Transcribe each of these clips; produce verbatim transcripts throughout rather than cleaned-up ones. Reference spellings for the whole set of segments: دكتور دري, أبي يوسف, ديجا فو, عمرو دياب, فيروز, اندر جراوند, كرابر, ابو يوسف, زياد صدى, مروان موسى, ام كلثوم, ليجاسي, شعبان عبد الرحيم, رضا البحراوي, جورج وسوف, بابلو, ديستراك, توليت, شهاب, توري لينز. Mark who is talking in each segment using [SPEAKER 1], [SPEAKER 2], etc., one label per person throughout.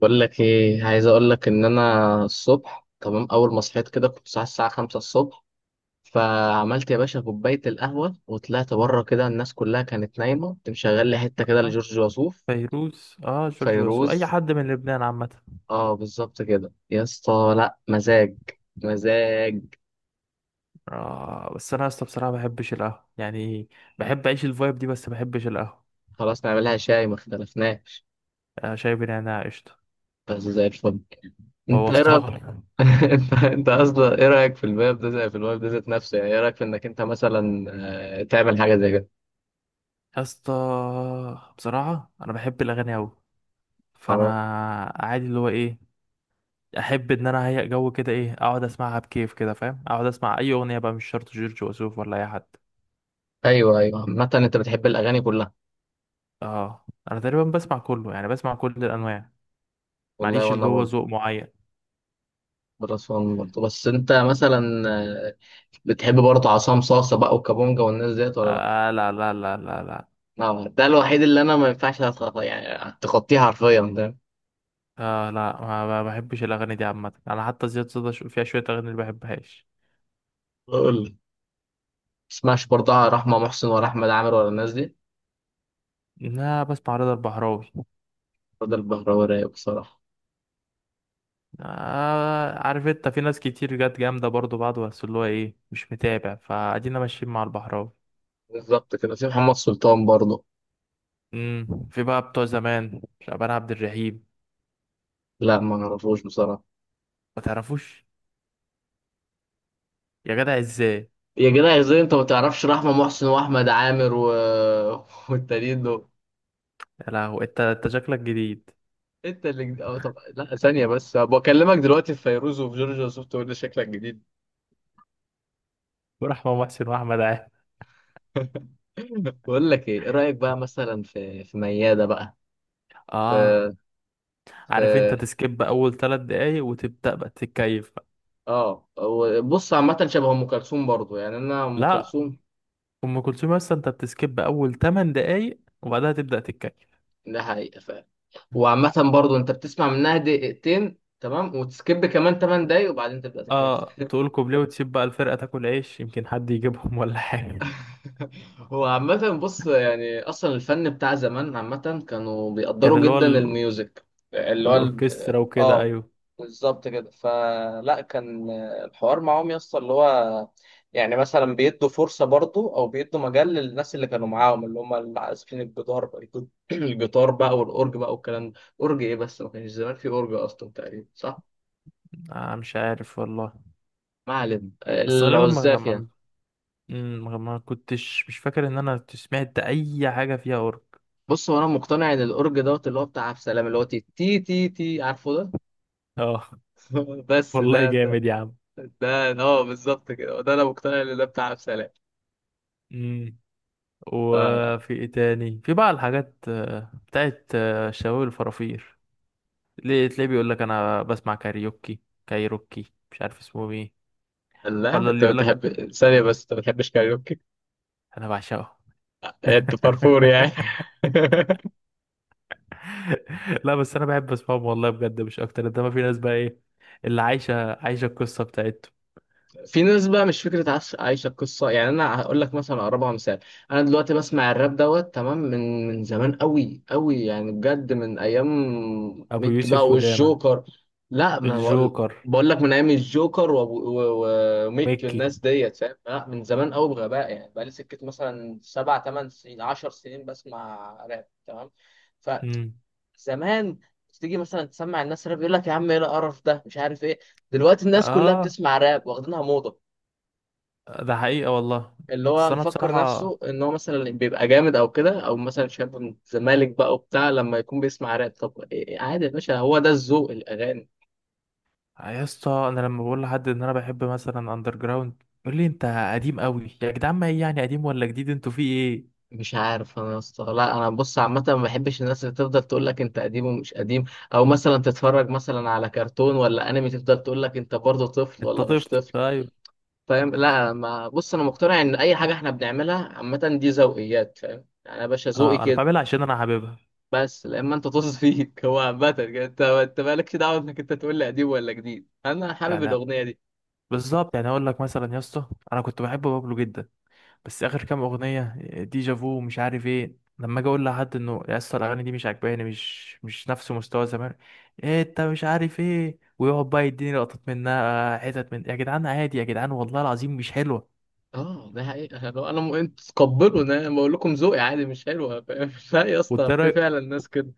[SPEAKER 1] بقول لك ايه، عايز اقول لك ان انا الصبح تمام. اول ما صحيت كده كنت صاحي الساعه خمسة الصبح، فعملت يا باشا كوبايه القهوه وطلعت بره كده. الناس كلها كانت نايمه، كنت مشغل لي حته كده
[SPEAKER 2] آه،
[SPEAKER 1] لجورج وسوف،
[SPEAKER 2] فيروز. اه جورج وسوف، اي
[SPEAKER 1] فيروز.
[SPEAKER 2] حد من لبنان عامه.
[SPEAKER 1] اه بالظبط كده يا اسطى، لا مزاج مزاج.
[SPEAKER 2] آه بس انا اصلا بصراحه ما بحبش القهوه يعني. بحب اعيش الفايب دي بس ما بحبش القهوه.
[SPEAKER 1] خلاص نعملها شاي، ما اختلفناش،
[SPEAKER 2] آه شايف ان انا قشطه.
[SPEAKER 1] بس زي الفل. انت ايه رايك؟
[SPEAKER 2] بوظتها
[SPEAKER 1] انت انت اصلا ايه رايك في الباب ده، زي في الباب ده ذات نفسه، يعني ايه رايك في انك انت مثلا آه، تعمل حاجه زي
[SPEAKER 2] يا اسطى بصراحه انا بحب الاغاني قوي، فانا
[SPEAKER 1] كده؟
[SPEAKER 2] عادي اللي هو ايه، احب ان انا اهيأ جو كده، ايه اقعد اسمعها بكيف كده فاهم، اقعد اسمع اي اغنيه بقى، مش شرط جورج وسوف ولا اي حد.
[SPEAKER 1] ايوه ايوه، عامة انت بتحب الاغاني كلها.
[SPEAKER 2] اه انا تقريبا بسمع كله، يعني بسمع كل الانواع.
[SPEAKER 1] والله
[SPEAKER 2] معليش اللي
[SPEAKER 1] وانا
[SPEAKER 2] هو
[SPEAKER 1] برضه
[SPEAKER 2] ذوق معين.
[SPEAKER 1] بالاسوان برضه، بس انت مثلا آه، بتحب برضه عصام صاصة بقى وكابونجا والناس ديت ولا لا؟
[SPEAKER 2] آه لا لا لا لا لا.
[SPEAKER 1] لا، ده الوحيد اللي انا ما ينفعش أتخ- يعني تخطيه حرفيا ده.
[SPEAKER 2] آه لا، ما ما بحبش الاغاني دي عامه. انا حتى زياد صدى شو- فيها شويه اغاني اللي بحبهاش.
[SPEAKER 1] بقول لك، تسمعش برضه آه، رحمة محسن ولا احمد عامر ولا الناس دي؟
[SPEAKER 2] لا بسمع رضا البحراوي.
[SPEAKER 1] رضا البهراوي رايق بصراحة.
[SPEAKER 2] آه عارف انت في ناس كتير جت جامده برضو بعض، بس اللي هو ايه مش متابع، فادينا ماشيين مع البحراوي.
[SPEAKER 1] بالظبط كده، في محمد سلطان برضه.
[SPEAKER 2] امم في بقى بتوع زمان شعبان عبد الرحيم.
[SPEAKER 1] لا، ما اعرفوش بصراحة.
[SPEAKER 2] ما تعرفوش؟ يا جدع ازاي؟
[SPEAKER 1] يا جدع ازاي انت ما تعرفش رحمة محسن واحمد عامر و... والتانيين دول.
[SPEAKER 2] يا لهو، انت انت شكلك جديد.
[SPEAKER 1] انت اللي جد- اه طب لا ثانية بس، بكلمك دلوقتي في فيروز وفي جورجيا سوفت وير شكلك جديد.
[SPEAKER 2] ورحمة محسن واحمد عامر.
[SPEAKER 1] بقول لك ايه، إيه رأيك بقى مثلا في في ميادة بقى؟ في
[SPEAKER 2] اه عارف انت
[SPEAKER 1] في
[SPEAKER 2] تسكيب اول ثلاث دقايق وتبدا بقى تتكيف بقى.
[SPEAKER 1] اه هو بص، عامة شبه ام كلثوم برضه. يعني انا ام
[SPEAKER 2] لا
[SPEAKER 1] كلثوم
[SPEAKER 2] ام كلثوم اصلا انت بتسكيب اول ثمان دقايق وبعدها تبدا تتكيف.
[SPEAKER 1] ده حقيقة فعلا، وعامة برضه انت بتسمع منها دقيقتين تمام وتسكيب كمان ثمان دقايق وبعدين تبدأ تتكيف.
[SPEAKER 2] اه تقول كوبليه وتسيب بقى الفرقه تاكل عيش، يمكن حد يجيبهم ولا حاجه.
[SPEAKER 1] هو عامة بص، يعني أصلا الفن بتاع زمان عامة كانوا
[SPEAKER 2] كان
[SPEAKER 1] بيقدروا
[SPEAKER 2] اللي هو
[SPEAKER 1] جدا
[SPEAKER 2] ال...
[SPEAKER 1] الميوزك، اللي هو ال-
[SPEAKER 2] والاوركسترا وكده
[SPEAKER 1] اه
[SPEAKER 2] ايوه.
[SPEAKER 1] بالظبط كده. فلا كان الحوار معاهم يسطا اللي هو، يعني مثلا بيدوا فرصة برضو أو بيدوا مجال للناس اللي كانوا معاهم، اللي هم اللي عازفين الجدار بقى الجد- الجيتار بقى والأورج بقى والكلام ده. أورج إيه بس، ما كانش زمان في أورج أصلا تقريبا صح؟
[SPEAKER 2] آه مش عارف والله.
[SPEAKER 1] ما علينا،
[SPEAKER 2] بس غالبا ما
[SPEAKER 1] العزاف يعني.
[SPEAKER 2] ما مم، ما ما كنتش مش فاكر ان انا سمعت اي حاجه فيها اورك.
[SPEAKER 1] بص، هو انا مقتنع ان الاورج دوت اللي هو بتاع عبد السلام، اللي هو تي تي تي تي، عارفه ده؟
[SPEAKER 2] اه
[SPEAKER 1] بس
[SPEAKER 2] والله
[SPEAKER 1] ده ده
[SPEAKER 2] جامد يا عم.
[SPEAKER 1] ده اه بالظبط كده، ده انا مقتنع ان ده بتاع عبد السلام.
[SPEAKER 2] امم
[SPEAKER 1] ف-
[SPEAKER 2] وفي ايه تاني، في بقى الحاجات آه، بتاعت آه، شواوي الفرافير. ليه تلاقيه بيقول لك انا بسمع كاريوكي، كايروكي مش عارف اسمه ايه.
[SPEAKER 1] لا،
[SPEAKER 2] ولا اللي
[SPEAKER 1] انت
[SPEAKER 2] يقول لك
[SPEAKER 1] بتحب ثانيه بس، انت ما بتحبش كاريوكي؟
[SPEAKER 2] انا بعشقه.
[SPEAKER 1] انت فرفور يعني.
[SPEAKER 2] لا بس انا بحب اسمعهم والله بجد مش اكتر، انما في ناس بقى ايه اللي عايشه عايشه القصه بتاعتهم.
[SPEAKER 1] في ناس بقى مش فكرة عاش- عايشة القصة. يعني أنا هقول لك مثلا أقربها مثال، أنا دلوقتي بسمع الراب دوت تمام من من زمان أوي أوي، يعني بجد من أيام
[SPEAKER 2] ابو
[SPEAKER 1] ميك بقى
[SPEAKER 2] يوسف وداما.
[SPEAKER 1] والجوكر. لا، ما بقول،
[SPEAKER 2] الجوكر
[SPEAKER 1] بقول لك من أيام الجوكر وأبو- و- و- وميك
[SPEAKER 2] وميكي.
[SPEAKER 1] والناس ديت، فاهم؟ لا، من زمان أوي بغباء، يعني بقى لي سكة مثلا سبع تمن سنين عشر سنين بسمع راب تمام.
[SPEAKER 2] مم.
[SPEAKER 1] فزمان تيجي مثلا تسمع الناس راب يقول لك يا عم ايه القرف ده مش عارف ايه، دلوقتي الناس كلها
[SPEAKER 2] اه
[SPEAKER 1] بتسمع راب واخدينها موضة.
[SPEAKER 2] ده حقيقة والله.
[SPEAKER 1] اللي هو
[SPEAKER 2] بس انا
[SPEAKER 1] مفكر
[SPEAKER 2] بصراحة
[SPEAKER 1] نفسه ان هو مثلا بيبقى جامد او كده، او مثلا شاب من الزمالك بقى وبتاع لما يكون بيسمع راب. طب إيه- عادي يا باشا، هو ده الذوق الاغاني.
[SPEAKER 2] يا اسطى، انا لما بقول لحد ان انا بحب مثلا اندر جراوند يقول لي انت قديم قوي يا جدعان. ما ايه يعني قديم ولا جديد، انتوا في ايه؟
[SPEAKER 1] مش عارف انا يا اسطى، لا انا بص عامه ما بحبش الناس اللي تفضل تقول لك انت قديم ومش قديم، او مثلا تتفرج مثلا على كرتون ولا انمي تفضل تقول لك انت برضه طفل
[SPEAKER 2] انت
[SPEAKER 1] ولا
[SPEAKER 2] طفل
[SPEAKER 1] مش طفل،
[SPEAKER 2] ايوه.
[SPEAKER 1] فاهم؟ لا ما بص، انا مقتنع ان اي حاجه احنا بنعملها عامه دي ذوقيات، فاهم يعني يا باشا؟ ذوقي
[SPEAKER 2] اه انا
[SPEAKER 1] كده،
[SPEAKER 2] بعملها عشان انا حاببها
[SPEAKER 1] بس لما انت طز فيك. هو عامة كده، انت انت مالكش دعوة انك انت تقول لي قديم ولا جديد، انا حابب
[SPEAKER 2] يعني.
[SPEAKER 1] الاغنية دي.
[SPEAKER 2] بالظبط، يعني اقول لك مثلا يا اسطى، انا كنت بحب بابلو جدا بس اخر كام اغنيه ديجا فو ومش عارف ايه، لما اجي اقول لحد انه يا اسطى الاغاني دي مش عاجباني، مش مش نفس مستوى زمان، إيه انت مش عارف ايه، ويقعد بقى يديني لقطات منها حتت من يا جدعان عادي، يا جدعان والله العظيم مش حلوه.
[SPEAKER 1] اه ده حقيقة، لو انا م... انتوا تقبلوا انا، أنا بقول لكم ذوقي، عادي مش حلوة. فاهم؟ لا يا اسطى، في
[SPEAKER 2] والترى
[SPEAKER 1] فعلا ناس كده.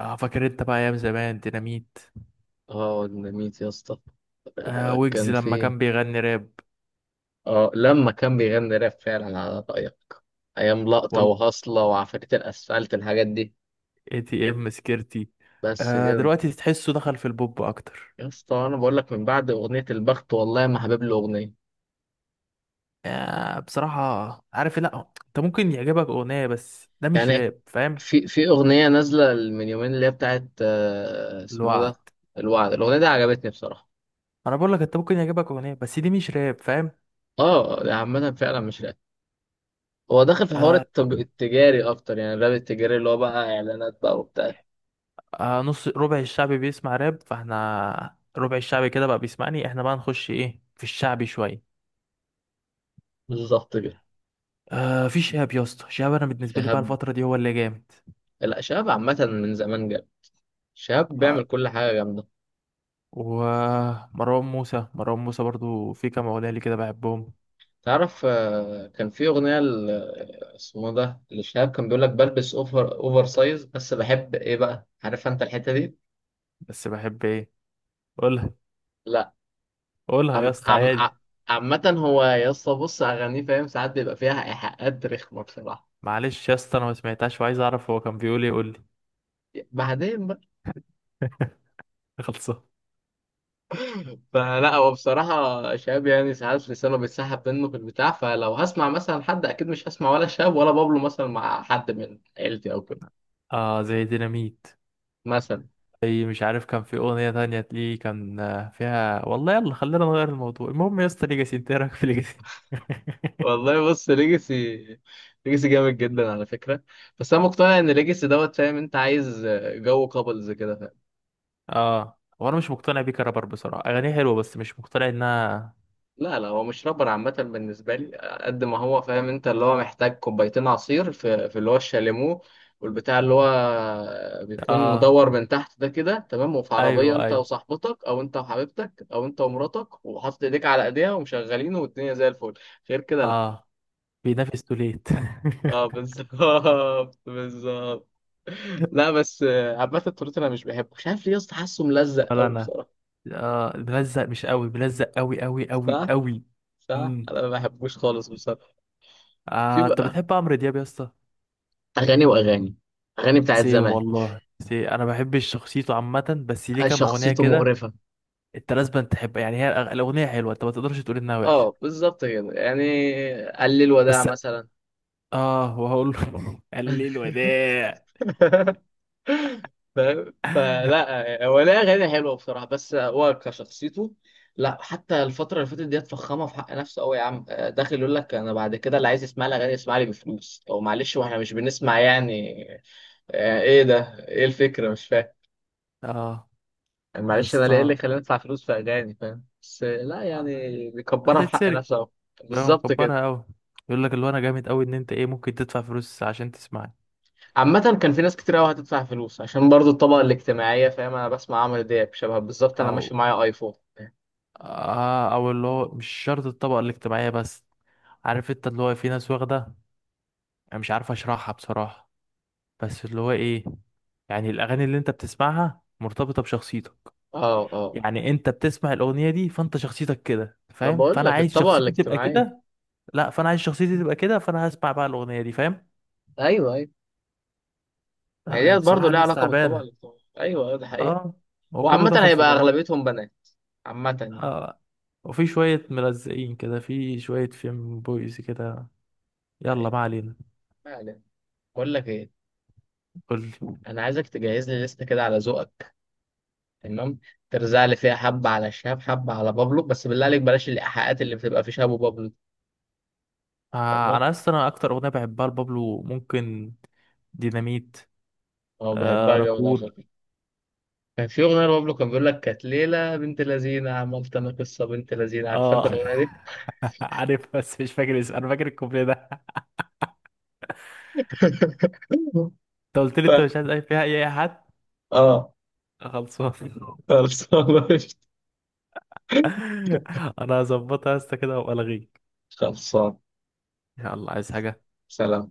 [SPEAKER 2] اه، فاكر انت بقى ايام زمان ديناميت؟
[SPEAKER 1] اه ديناميت يا اسطى،
[SPEAKER 2] آه ويجز
[SPEAKER 1] كان
[SPEAKER 2] لما
[SPEAKER 1] في،
[SPEAKER 2] كان بيغني راب،
[SPEAKER 1] اه لما كان بيغني راب فعلا على رأيك، ايام لقطة
[SPEAKER 2] والله
[SPEAKER 1] وهصلة وعفاريت الاسفلت الحاجات دي.
[SPEAKER 2] اي تي ام سكيرتي.
[SPEAKER 1] بس
[SPEAKER 2] آه
[SPEAKER 1] كده،
[SPEAKER 2] دلوقتي تحسه دخل في البوب اكتر.
[SPEAKER 1] يا اسطى انا بقول لك من بعد اغنية البخت والله ما حابب له اغنية.
[SPEAKER 2] آه بصراحه عارف إيه، لا انت ممكن يعجبك اغنيه بس ده مش
[SPEAKER 1] يعني
[SPEAKER 2] راب فاهم.
[SPEAKER 1] في في أغنية نازلة من يومين اللي هي بتاعت آه، اسمه ده،
[SPEAKER 2] الوعد.
[SPEAKER 1] الوعد. الأغنية دي عجبتني بصراحة.
[SPEAKER 2] انا بقول لك انت ممكن يعجبك اغنيه بس دي مش راب فاهم.
[SPEAKER 1] اه ده عامة فعلا مش راب، هو داخل في حوار
[SPEAKER 2] آه.
[SPEAKER 1] التج... التجاري أكتر، يعني الراب التجاري اللي هو بقى إعلانات بقى وبتاع.
[SPEAKER 2] آه نص ربع الشعب بيسمع راب، فاحنا ربع الشعب كده بقى بيسمعني، احنا بقى نخش ايه في الشعبي شويه.
[SPEAKER 1] بالظبط كده.
[SPEAKER 2] آه في شهاب يا اسطى، شهاب انا بالنسبه لي
[SPEAKER 1] شهاب،
[SPEAKER 2] بقى الفتره دي هو اللي جامد.
[SPEAKER 1] لا شهاب عامة من زمان جامد، شهاب
[SPEAKER 2] آه
[SPEAKER 1] بيعمل كل حاجة جامدة.
[SPEAKER 2] ومروان موسى، مروان موسى برضو في كام اغنيه لي كده بحبهم.
[SPEAKER 1] تعرف آه، كان في أغنية ل- اسمه ده لشهاب، كان بيقول لك بلبس أوفر أوفر سايز بس بحب إيه بقى، عارف أنت الحتة دي؟
[SPEAKER 2] بس بحب ايه؟ قولها.
[SPEAKER 1] لا
[SPEAKER 2] قولها يا
[SPEAKER 1] عم
[SPEAKER 2] اسطى
[SPEAKER 1] عم ع-
[SPEAKER 2] عادي.
[SPEAKER 1] عامة هو يا اسطى بص أغانيه فاهم، ساعات بيبقى فيها إيحاءات رخمة بصراحة.
[SPEAKER 2] معلش يا اسطى انا ما سمعتهاش وعايز اعرف هو كان بيقول ايه، قول لي.
[SPEAKER 1] بعدين بقى،
[SPEAKER 2] خلصان.
[SPEAKER 1] فلا هو بصراحة شاب، يعني ساعات لسانه بيتسحب منه في البتاع. فلو هسمع مثلا حد أكيد مش هسمع ولا شاب ولا بابلو مثلا مع حد من عيلتي أو كده
[SPEAKER 2] اه زي ديناميت.
[SPEAKER 1] مثلا.
[SPEAKER 2] زي مش عارف كان في اغنيه تانية ليه كان آه، فيها والله. يلا خلينا نغير الموضوع. المهم يا اسطى ليجاسي، انت إيه رايك في ليجاسي؟
[SPEAKER 1] والله بص ليجاسي، ليجاسي جامد جدا على فكرة، بس أنا مقتنع إن ليجاسي دوت فاهم أنت، عايز جو كابلز كده.
[SPEAKER 2] اه هو انا مش مقتنع بيه كرابر بصراحه، اغانيه حلوه بس مش مقتنع انها.
[SPEAKER 1] لا لا، هو مش رابر عامة بالنسبة لي، قد ما هو فاهم انت اللي هو محتاج كوبايتين عصير في, في اللي هو الشاليمو، والبتاع اللي هو بيكون
[SPEAKER 2] اه
[SPEAKER 1] مدور من تحت ده كده تمام، وفي عربية
[SPEAKER 2] ايوه
[SPEAKER 1] انت
[SPEAKER 2] ايوه.
[SPEAKER 1] وصاحبتك او انت وحبيبتك او انت ومراتك وحاطط ايديك على ايديها ومشغلينه، والدنيا زي الفل. غير كده لا.
[SPEAKER 2] اه بينافس توليت.
[SPEAKER 1] اه بالظبط بالظبط. لا بس آه، عامة التورت انا مش بحبه، مش عارف ليه يا اسطى، حاسه ملزق
[SPEAKER 2] ولا
[SPEAKER 1] قوي
[SPEAKER 2] انا.
[SPEAKER 1] بصراحة.
[SPEAKER 2] آه بلزق مش قوي، بلزق قوي قوي قوي
[SPEAKER 1] صح
[SPEAKER 2] قوي.
[SPEAKER 1] صح،
[SPEAKER 2] امم
[SPEAKER 1] انا ما بحبوش خالص بصراحة. في
[SPEAKER 2] آه انت
[SPEAKER 1] بقى
[SPEAKER 2] بتحب عمرو دياب يا اسطى؟
[SPEAKER 1] اغاني واغاني، اغاني بتاعت
[SPEAKER 2] سيم
[SPEAKER 1] زمان.
[SPEAKER 2] والله سي، انا بحب شخصيته عامه بس ليه كام اغنيه
[SPEAKER 1] شخصيته
[SPEAKER 2] كده.
[SPEAKER 1] مقرفة.
[SPEAKER 2] انت لازم تحب يعني، هي الأغ- الاغنيه حلوه، انت ما تقدرش تقول انها وحشه.
[SPEAKER 1] اه بالظبط كده يعني، قلل الوداع
[SPEAKER 2] بس
[SPEAKER 1] مثلا.
[SPEAKER 2] اه وهقول له قال لي الوداع.
[SPEAKER 1] فاهم؟ فلا هو ليه أغاني حلوة بصراحة، بس هو كشخصيته، لا حتى الفترة اللي فاتت دي اتفخمها في حق نفسه قوي يا عم. آه، داخل يقول لك أنا بعد كده اللي عايز يسمع لي أغاني يسمع لي بفلوس. أو معلش، وإحنا مش بنسمع يعني، يعني إيه ده؟ إيه الفكرة مش فاهم
[SPEAKER 2] اه
[SPEAKER 1] يعني؟
[SPEAKER 2] يا
[SPEAKER 1] معلش، أنا ليه إيه
[SPEAKER 2] اسطى،
[SPEAKER 1] اللي خلاني أدفع فلوس في أغاني، فاهم؟ بس لا
[SPEAKER 2] آه،
[SPEAKER 1] يعني بيكبرها في حق
[SPEAKER 2] هتتسرق
[SPEAKER 1] نفسه أوي.
[SPEAKER 2] بقى
[SPEAKER 1] بالظبط كده.
[SPEAKER 2] مكبرها قوي. يقول لك اللي هو انا جامد قوي ان انت ايه ممكن تدفع فلوس عشان تسمعني.
[SPEAKER 1] عامة كان في ناس كتير قوي هتدفع فلوس عشان برضو الطبقة الاجتماعية، فاهم؟ انا بسمع عمرو دياب شبه بالظبط، انا ماشي
[SPEAKER 2] او
[SPEAKER 1] معايا ايفون.
[SPEAKER 2] اه، او اللي هو مش شرط الطبقه الاجتماعيه بس. عارف انت اللي هو في ناس واخده، انا مش عارف اشرحها بصراحه بس اللي هو ايه، يعني الاغاني اللي انت بتسمعها مرتبطه بشخصيتك.
[SPEAKER 1] اه اه،
[SPEAKER 2] يعني انت بتسمع الاغنيه دي فانت شخصيتك كده
[SPEAKER 1] ما
[SPEAKER 2] فاهم،
[SPEAKER 1] بقول
[SPEAKER 2] فانا
[SPEAKER 1] لك
[SPEAKER 2] عايز
[SPEAKER 1] الطبقة
[SPEAKER 2] شخصيتي تبقى
[SPEAKER 1] الاجتماعية.
[SPEAKER 2] كده. لا فانا عايز شخصيتي تبقى كده فانا هسمع بقى الاغنيه دي فاهم.
[SPEAKER 1] ايوه ايوه، ما هي
[SPEAKER 2] لا يا
[SPEAKER 1] ديت برضه
[SPEAKER 2] بصراحه
[SPEAKER 1] ليها
[SPEAKER 2] ناس
[SPEAKER 1] علاقة بالطبقة
[SPEAKER 2] تعبانه.
[SPEAKER 1] الاجتماعية، ايوه ايوه ده حقيقة.
[SPEAKER 2] اه هو كله
[SPEAKER 1] وعامة
[SPEAKER 2] داخل في
[SPEAKER 1] هيبقى
[SPEAKER 2] بعضه.
[SPEAKER 1] اغلبيتهم بنات، عامة يعني.
[SPEAKER 2] اه وفي شويه ملزقين كده، في شويه فيم بويز كده. يلا
[SPEAKER 1] أيوة.
[SPEAKER 2] ما علينا.
[SPEAKER 1] ما علينا، بقول لك ايه،
[SPEAKER 2] قول لي.
[SPEAKER 1] انا عايزك تجهز لي لستة كده على ذوقك، تمام؟ ترزع لي فيها حبة على شهاب حبة على بابلو، بس بالله عليك بلاش الايحاءات اللي بتبقى في شهاب وبابلو.
[SPEAKER 2] آه
[SPEAKER 1] تمام.
[SPEAKER 2] انا اصلا انا اكتر اغنيه بحبها لبابلو ممكن ديناميت.
[SPEAKER 1] اه
[SPEAKER 2] آه
[SPEAKER 1] بحبها جامد، عشان
[SPEAKER 2] راكور.
[SPEAKER 1] كان في أغنية لبابلو كان بيقول لك كانت ليلة بنت لذينة، عملت أنا قصة بنت لذينة، عارف أنت
[SPEAKER 2] اه
[SPEAKER 1] الأغنية دي؟
[SPEAKER 2] عارف بس مش فاكر اسمه، انا فاكر الكوبليه ده. انت قلت لي
[SPEAKER 1] ف...
[SPEAKER 2] انت مش عايز اي فيها اي حد.
[SPEAKER 1] آه
[SPEAKER 2] خلصان.
[SPEAKER 1] خلصان.
[SPEAKER 2] انا هظبطها يا اسطى كده وابقى الغيك.
[SPEAKER 1] خلصان.
[SPEAKER 2] يلا عايز حاجه؟
[SPEAKER 1] سلام.